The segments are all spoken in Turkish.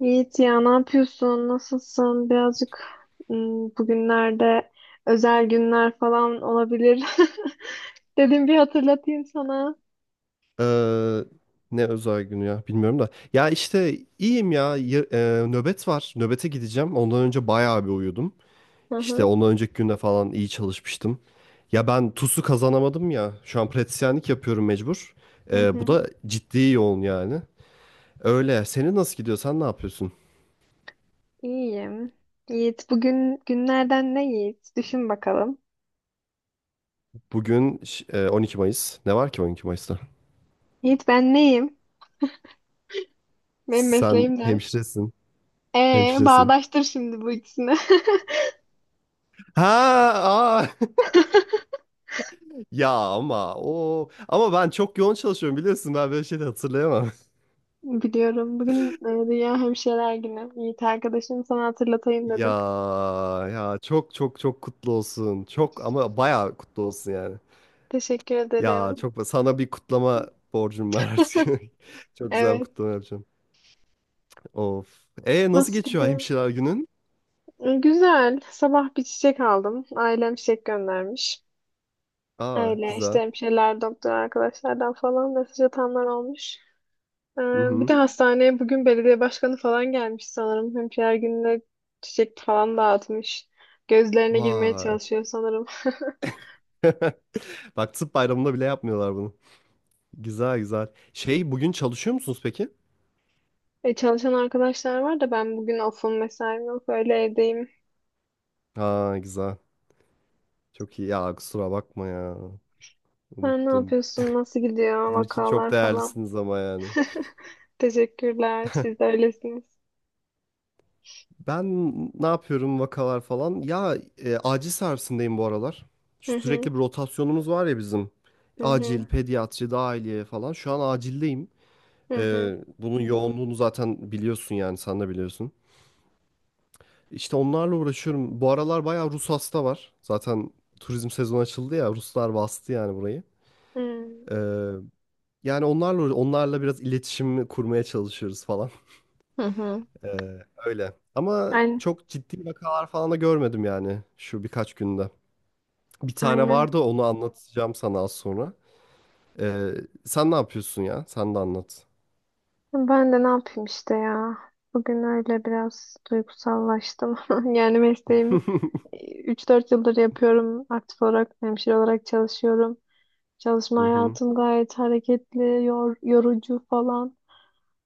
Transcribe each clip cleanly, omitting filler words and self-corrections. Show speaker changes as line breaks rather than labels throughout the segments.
Yiğit ya ne yapıyorsun? Nasılsın? Birazcık bugünlerde özel günler falan olabilir. Dedim bir hatırlatayım sana.
Eee, ne özel günü ya bilmiyorum da. Ya işte iyiyim ya. Nöbet var. Nöbete gideceğim. Ondan önce bayağı bir uyudum.
Hı
İşte
hı.
ondan önceki günde falan iyi çalışmıştım. Ya ben TUS'u kazanamadım ya. Şu an pratisyenlik yapıyorum mecbur.
Hı
Bu
hı.
da ciddi yoğun yani. Öyle. Senin nasıl gidiyor? Sen ne yapıyorsun?
İyiyim. Yiğit bugün günlerden ne Yiğit? Düşün bakalım.
Bugün 12 Mayıs. Ne var ki 12 Mayıs'ta?
Yiğit ben neyim? Benim
Sen
mesleğim ne?
hemşiresin. Hemşiresin.
Bağdaştır şimdi bu ikisini.
Ha, aa. Ya ama ben çok yoğun çalışıyorum biliyorsun ben böyle şey de hatırlayamam.
Biliyorum. Bugün Dünya Hemşireler Günü. Yiğit arkadaşım sana hatırlatayım
Ya
dedim.
ya, çok çok çok kutlu olsun. Çok ama bayağı kutlu olsun yani.
Teşekkür
Ya
ederim.
çok sana bir kutlama borcum var artık. Çok güzel bir
Evet.
kutlama yapacağım. Of. E nasıl
Nasıl
geçiyor
gidiyor?
hemşireler günün?
Güzel. Sabah bir çiçek aldım. Ailem çiçek göndermiş.
Aa
Öyle işte
güzel.
hemşireler, doktor arkadaşlardan falan mesaj atanlar olmuş. Ee,
Hı
bir
hı.
de hastaneye bugün belediye başkanı falan gelmiş sanırım. Hemşireler gününe çiçek falan dağıtmış. Gözlerine girmeye
Vay.
çalışıyor sanırım.
Bak tıp bayramında bile yapmıyorlar bunu. Güzel güzel. Şey bugün çalışıyor musunuz peki?
Çalışan arkadaşlar var da ben bugün ofum mesaim yok. Öyle evdeyim.
Ha güzel. Çok iyi. Ya kusura bakma ya.
Sen ne
Unuttum.
yapıyorsun? Nasıl gidiyor?
Bizim için çok
Vakalar falan.
değerlisiniz ama yani.
Teşekkürler. Siz de öylesiniz.
Ben ne yapıyorum vakalar falan. Acil servisindeyim bu aralar.
Hı
Şu
hı.
sürekli bir rotasyonumuz var ya bizim.
Hı hı.
Acil, pediatri, dahiliye falan. Şu an acildeyim.
Hı hı.
Bunun yoğunluğunu zaten biliyorsun yani sen de biliyorsun. İşte onlarla uğraşıyorum. Bu aralar bayağı Rus hasta var. Zaten turizm sezonu açıldı ya. Ruslar bastı yani burayı.
Hmm.
E, yani onlarla biraz iletişim kurmaya çalışıyoruz falan.
Hı hı.
Öyle. Ama
Aynen.
çok ciddi vakalar falan da görmedim yani şu birkaç günde. Bir tane
Aynen.
vardı onu anlatacağım sana az sonra. Ee, sen ne yapıyorsun ya? Sen de anlat.
Ben de ne yapayım işte ya. Bugün öyle biraz duygusallaştım. Yani mesleğimi üç dört yıldır yapıyorum. Aktif olarak hemşire olarak çalışıyorum. Çalışma
Hı hı.
hayatım gayet hareketli, yorucu falan.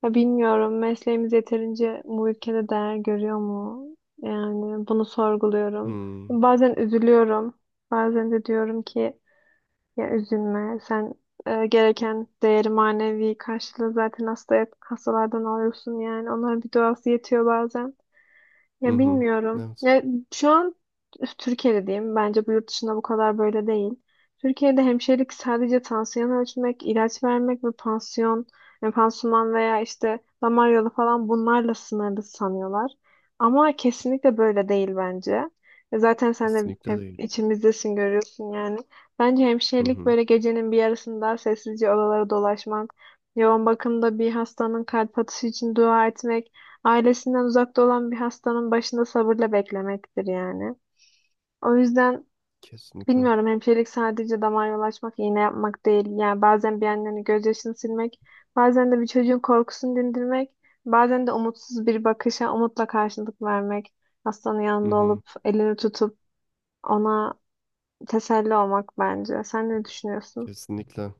Ya bilmiyorum mesleğimiz yeterince bu ülkede değer görüyor mu? Yani bunu sorguluyorum.
Hmm.
Bazen üzülüyorum. Bazen de diyorum ki ya üzülme. Sen gereken değeri manevi karşılığı zaten hasta, hastalardan alıyorsun yani. Onların bir duası yetiyor bazen.
Hı
Ya
hı.
bilmiyorum.
Evet.
Ya şu an Türkiye'de diyeyim. Bence bu yurt dışında bu kadar böyle değil. Türkiye'de hemşirelik sadece tansiyon ölçmek, ilaç vermek ve pansiyon, yani pansuman veya işte damar yolu falan bunlarla sınırlı sanıyorlar. Ama kesinlikle böyle değil bence. E zaten sen de
Kesinlikle
hep
değil.
içimizdesin görüyorsun yani. Bence
Hı
hemşirelik
hı.
böyle gecenin bir yarısında sessizce odalara dolaşmak, yoğun bakımda bir hastanın kalp atışı için dua etmek, ailesinden uzakta olan bir hastanın başında sabırla beklemektir yani. O yüzden
Kesinlikle.
bilmiyorum hemşirelik sadece damar yolu açmak, iğne yapmak değil. Yani bazen bir annenin gözyaşını silmek, bazen de bir çocuğun korkusunu dindirmek, bazen de umutsuz bir bakışa umutla karşılık vermek. Hastanın
Hı
yanında
hı.
olup elini tutup ona teselli olmak bence. Sen ne düşünüyorsun?
Kesinlikle.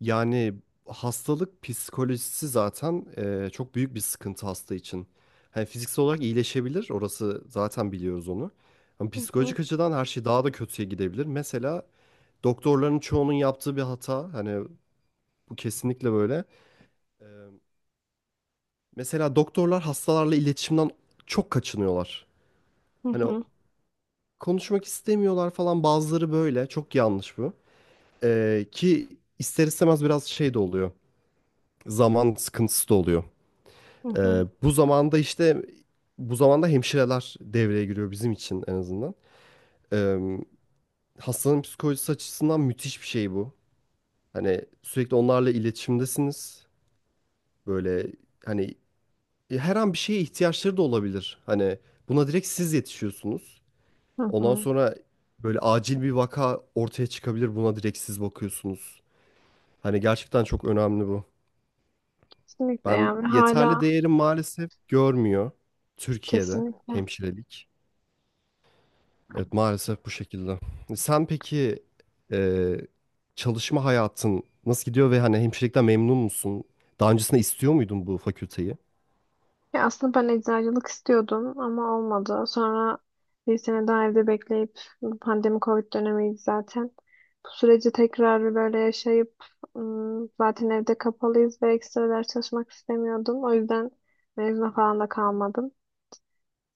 Yani hastalık psikolojisi zaten çok büyük bir sıkıntı hasta için. Hani fiziksel olarak iyileşebilir, orası zaten biliyoruz onu. Ama
Hı hı.
psikolojik açıdan her şey daha da kötüye gidebilir. Mesela doktorların çoğunun yaptığı bir hata, hani bu kesinlikle böyle. E, mesela doktorlar hastalarla iletişimden çok kaçınıyorlar.
Hı
Hani
hı.
konuşmak istemiyorlar falan bazıları böyle, çok yanlış bu. Ki ister istemez biraz şey de oluyor, zaman sıkıntısı da oluyor.
Hı
Ee,
hı.
bu zamanda işte bu zamanda hemşireler devreye giriyor bizim için en azından. Ee, hastanın psikolojisi açısından müthiş bir şey bu. Hani sürekli onlarla iletişimdesiniz. Böyle hani her an bir şeye ihtiyaçları da olabilir. Hani buna direkt siz yetişiyorsunuz.
Hı
Ondan
hı.
sonra böyle acil bir vaka ortaya çıkabilir. Buna direkt siz bakıyorsunuz. Hani gerçekten çok önemli bu.
Kesinlikle
Ben
yani
yeterli
hala
değerim maalesef görmüyor Türkiye'de
kesinlikle.
hemşirelik. Evet maalesef bu şekilde. Sen peki e, çalışma hayatın nasıl gidiyor ve hani hemşirelikten memnun musun? Daha öncesinde istiyor muydun bu fakülteyi?
Ya aslında ben eczacılık istiyordum ama olmadı. Sonra bir sene daha evde bekleyip bu pandemi Covid dönemiydi zaten. Bu süreci tekrar bir böyle yaşayıp zaten evde kapalıyız ve ekstra ders çalışmak istemiyordum. O yüzden mezuna falan da kalmadım.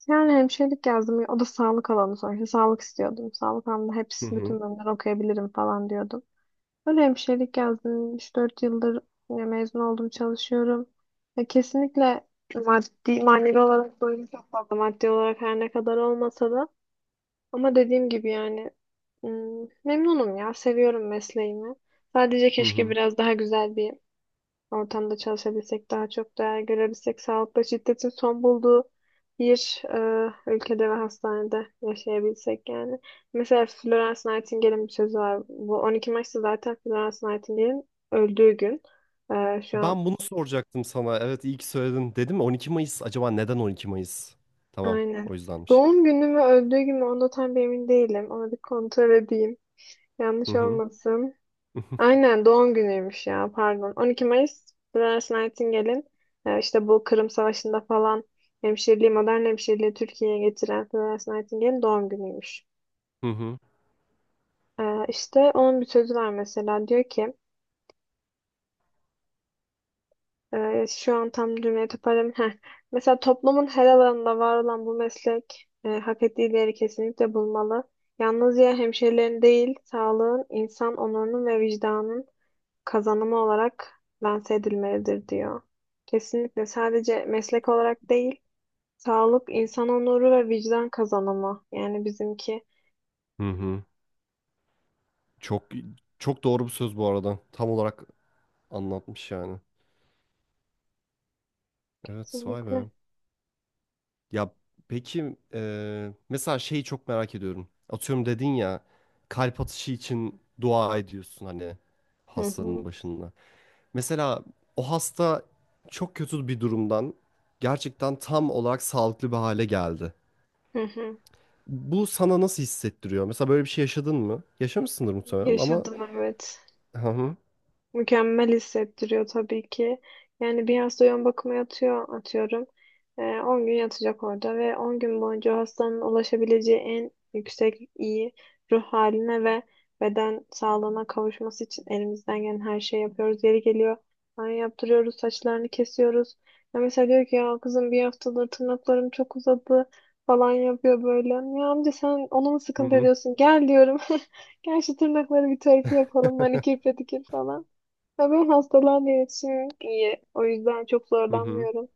Yani hemşirelik yazdım. O da sağlık alanı sonuçta. Sağlık istiyordum. Sağlık alanında
Hı
hepsi
hı.
bütün bölümleri okuyabilirim falan diyordum. Ben hemşirelik yazdım. Üç dört yıldır ya mezun oldum, çalışıyorum. Ya kesinlikle maddi, manevi olarak doyum çok fazla. Maddi olarak her ne kadar olmasa da. Ama dediğim gibi yani memnunum ya. Seviyorum mesleğimi. Sadece
Hı
keşke
hı.
biraz daha güzel bir ortamda çalışabilsek, daha çok değer görebilsek, sağlıkta şiddetin son bulduğu bir ülkede ve hastanede yaşayabilsek yani. Mesela Florence Nightingale'in bir sözü var. Bu 12 Mayıs'ta zaten Florence Nightingale'in öldüğü gün. Şu an
Ben bunu soracaktım sana. Evet iyi ki söyledin. Dedim mi 12 Mayıs? Acaba neden 12 Mayıs? Tamam, o
aynen.
yüzdenmiş.
Doğum günü mü öldüğü gün mü onda tam bir emin değilim. Onu bir kontrol edeyim.
Hı
Yanlış
hı.
olmasın. Aynen doğum günüymüş ya pardon. 12 Mayıs Florence Nightingale'in işte bu Kırım Savaşı'nda falan hemşireliği, modern hemşireliği Türkiye'ye getiren Florence Nightingale'in doğum günüymüş.
Hı hı.
E, işte onun bir sözü var mesela diyor ki şu an tam cümleyi toparlayayım. Heh. Mesela toplumun her alanında var olan bu meslek hak ettiği değeri kesinlikle bulmalı. Yalnızca hemşirelerin değil, sağlığın, insan onurunun ve vicdanın kazanımı olarak lanse edilmelidir diyor. Kesinlikle sadece meslek olarak değil, sağlık, insan onuru ve vicdan kazanımı. Yani bizimki
Hı hı. Çok çok doğru bir söz bu arada. Tam olarak anlatmış yani. Evet, vay
kesinlikle.
be. Ya peki, mesela şeyi çok merak ediyorum. Atıyorum dedin ya kalp atışı için dua ediyorsun hani
Hı hı.
hastanın başında. Mesela o hasta çok kötü bir durumdan gerçekten tam olarak sağlıklı bir hale geldi.
Hı hı.
Bu sana nasıl hissettiriyor? Mesela böyle bir şey yaşadın mı? Yaşamışsındır muhtemelen ama
Yaşadım evet.
hı hı,
Mükemmel hissettiriyor tabii ki. Yani bir hasta yoğun bakıma yatıyor atıyorum. 10 gün yatacak orada ve 10 gün boyunca o hastanın ulaşabileceği en yüksek iyi ruh haline ve beden sağlığına kavuşması için elimizden gelen her şeyi yapıyoruz. Yeri geliyor banyo yaptırıyoruz, saçlarını kesiyoruz. Ya mesela diyor ki ya kızım bir haftadır tırnaklarım çok uzadı falan yapıyor böyle. Ya amca sen onu mu
hı
sıkıntı
hı,
ediyorsun? Gel diyorum. Gel şu tırnakları bir tarifi yapalım. Manikür pedikür falan. Ya ben hastalarla iletişimim iyi. O yüzden çok
hı hı,
zorlanmıyorum.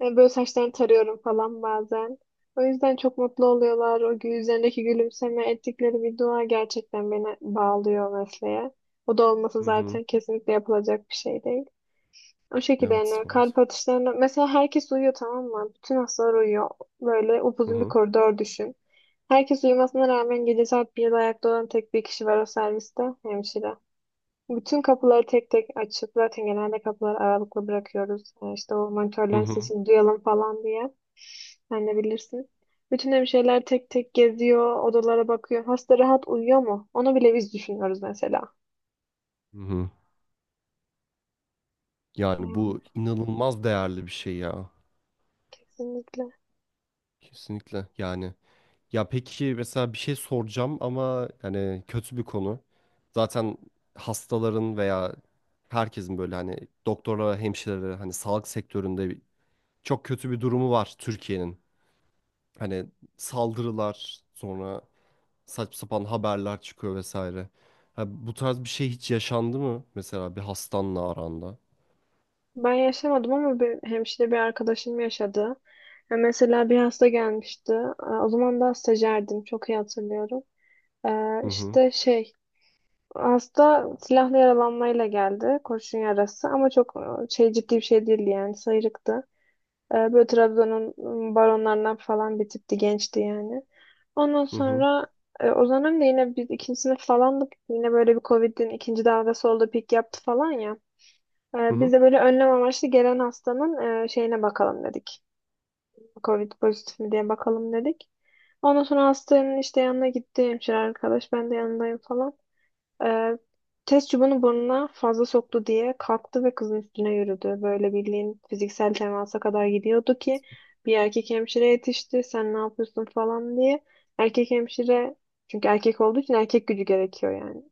Yani böyle saçlarını tarıyorum falan bazen. O yüzden çok mutlu oluyorlar. Üzerindeki gülümseme ettikleri bir dua gerçekten beni bağlıyor mesleğe. O da olması
hı hı.
zaten kesinlikle yapılacak bir şey değil. O şekilde
Evet
yani kalp
maalesef.
atışlarına mesela herkes uyuyor tamam mı? Bütün hastalar uyuyor. Böyle
Hı
upuzun bir
hı,
koridor düşün. Herkes uyumasına rağmen gece saat 1'de ayakta olan tek bir kişi var o serviste. Hemşire. Bütün kapıları tek tek açıp zaten genelde kapıları aralıklı bırakıyoruz. İşte o
hı
monitörlerin
hı,
sesini duyalım falan diye. Sen de bilirsin. Bütün hemşireler tek tek geziyor, odalara bakıyor. Hasta rahat uyuyor mu? Onu bile biz düşünüyoruz mesela.
hı hı. Yani
Yani
bu inanılmaz değerli bir şey ya.
kesinlikle.
Kesinlikle yani. Ya peki mesela bir şey soracağım ama yani kötü bir konu. Zaten hastaların veya herkesin böyle hani doktorlara, hemşirelere hani sağlık sektöründe çok kötü bir durumu var Türkiye'nin. Hani saldırılar sonra saçma sapan haberler çıkıyor vesaire. Ha, bu tarz bir şey hiç yaşandı mı mesela bir hastanla aranda?
Ben yaşamadım ama bir hemşire bir arkadaşım yaşadı. Ya mesela bir hasta gelmişti. O zaman daha stajyerdim. Çok iyi hatırlıyorum. Ee,
Hı hı,
işte şey Hasta silahlı yaralanmayla geldi. Kurşun yarası ama çok ciddi bir şey değildi yani sıyrıktı. Böyle Trabzon'un baronlarından falan bir tipti gençti yani. Ondan
hı hı,
sonra o zaman da yine biz ikinci sınıf falandık. Yine böyle bir Covid'in ikinci dalgası oldu, pik yaptı falan ya.
hı
Biz
hı.
de böyle önlem amaçlı gelen hastanın şeyine bakalım dedik. Covid pozitif mi diye bakalım dedik. Ondan sonra hastanın işte yanına gitti hemşire arkadaş. Ben de yanındayım falan. Ee, test çubuğunu burnuna fazla soktu diye kalktı ve kızın üstüne yürüdü. Böyle bildiğin fiziksel temasa kadar gidiyordu ki bir erkek hemşire yetişti. Sen ne yapıyorsun falan diye. Erkek hemşire çünkü erkek olduğu için erkek gücü gerekiyor yani.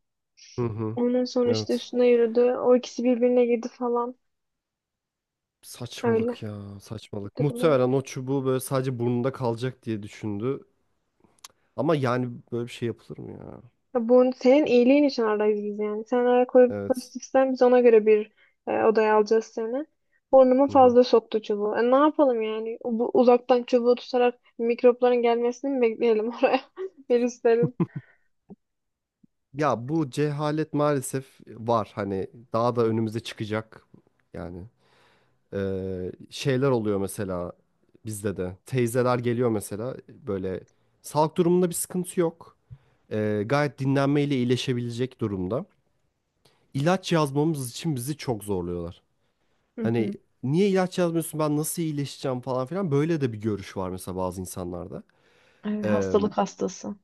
Hı hı.
Ondan sonra işte
Evet.
üstüne yürüdü. O ikisi birbirine girdi falan. Öyle
Saçmalık ya,
bir
saçmalık.
durum oldu.
Muhtemelen o çubuğu böyle sadece burnunda kalacak diye düşündü. Ama yani böyle bir şey yapılır mı ya?
Ya bu senin iyiliğin için aradayız biz yani. Sen eğer
Evet.
pozitifsen biz ona göre bir odaya alacağız seni. Burnuma
Hı hı.
fazla soktu çubuğu. E, ne yapalım yani? Bu, uzaktan çubuğu tutarak mikropların gelmesini mi bekleyelim oraya? Virüslerin.
Ya bu cehalet maalesef var. Hani daha da önümüze çıkacak. Yani şeyler oluyor mesela bizde de. Teyzeler geliyor mesela böyle sağlık durumunda bir sıkıntı yok. Gayet dinlenmeyle iyileşebilecek durumda. İlaç yazmamız için bizi çok zorluyorlar.
Hı
Hani
hı.
niye ilaç yazmıyorsun ben nasıl iyileşeceğim falan filan böyle de bir görüş var mesela bazı insanlarda.
Evet,
Eee,
hastalık hastası.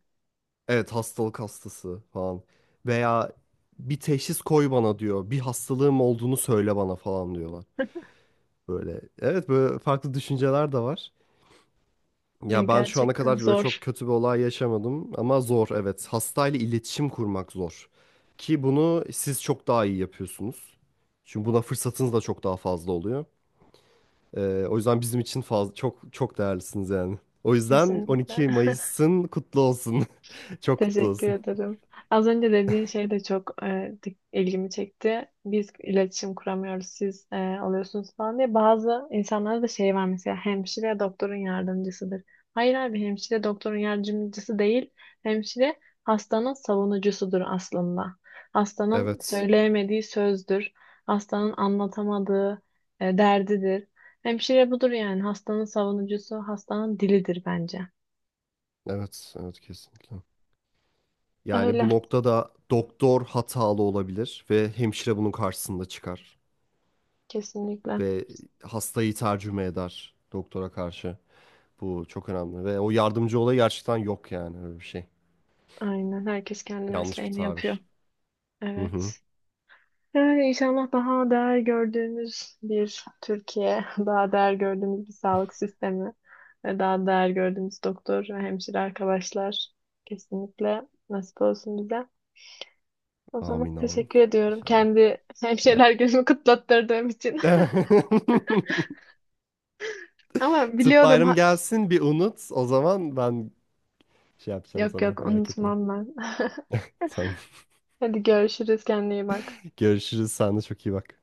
Evet hastalık hastası falan. Veya bir teşhis koy bana diyor. Bir hastalığım olduğunu söyle bana falan diyorlar. Böyle evet böyle farklı düşünceler de var.
Ya
Ya ben şu ana
gerçekten
kadar böyle
zor.
çok
Evet.
kötü bir olay yaşamadım ama zor evet. Hastayla iletişim kurmak zor. Ki bunu siz çok daha iyi yapıyorsunuz. Çünkü buna fırsatınız da çok daha fazla oluyor. O yüzden bizim için fazla, çok çok değerlisiniz yani. O yüzden
Kesinlikle.
12 Mayıs'ın kutlu olsun. Çok kutlu
Teşekkür
olsun.
ederim. Az önce dediğin şey de çok ilgimi çekti. Biz iletişim kuramıyoruz, siz alıyorsunuz falan diye. Bazı insanlara da şey var mesela hemşire doktorun yardımcısıdır. Hayır abi hemşire doktorun yardımcısı değil. Hemşire hastanın savunucusudur aslında. Hastanın
Evet.
söyleyemediği sözdür. Hastanın anlatamadığı derdidir. Hemşire budur yani hastanın savunucusu, hastanın dilidir bence.
Evet, evet kesinlikle. Yani
Öyle
bu noktada doktor hatalı olabilir ve hemşire bunun karşısında çıkar
kesinlikle.
ve hastayı tercüme eder doktora karşı. Bu çok önemli ve o yardımcı olayı gerçekten yok yani öyle bir şey.
Aynen. Herkes kendi
Yanlış bir
mesleğini yapıyor.
tabir. Hı hı.
Evet. Yani inşallah daha değer gördüğümüz bir Türkiye, daha değer gördüğümüz bir sağlık sistemi ve daha değer gördüğümüz doktor ve hemşire arkadaşlar kesinlikle nasip olsun bize. O zaman
Amin amin.
teşekkür ediyorum.
İnşallah.
Kendi
Ben-
hemşireler gözümü kutlattırdığım için. Ama
Tıp
biliyordum.
bayram
Ha...
gelsin bir unut. O zaman ben şey yapacağım
Yok
sana
yok
merak etme.
unutmam ben.
Tamam.
Hadi görüşürüz. Kendine iyi bak.
Görüşürüz. Sen de çok iyi bak.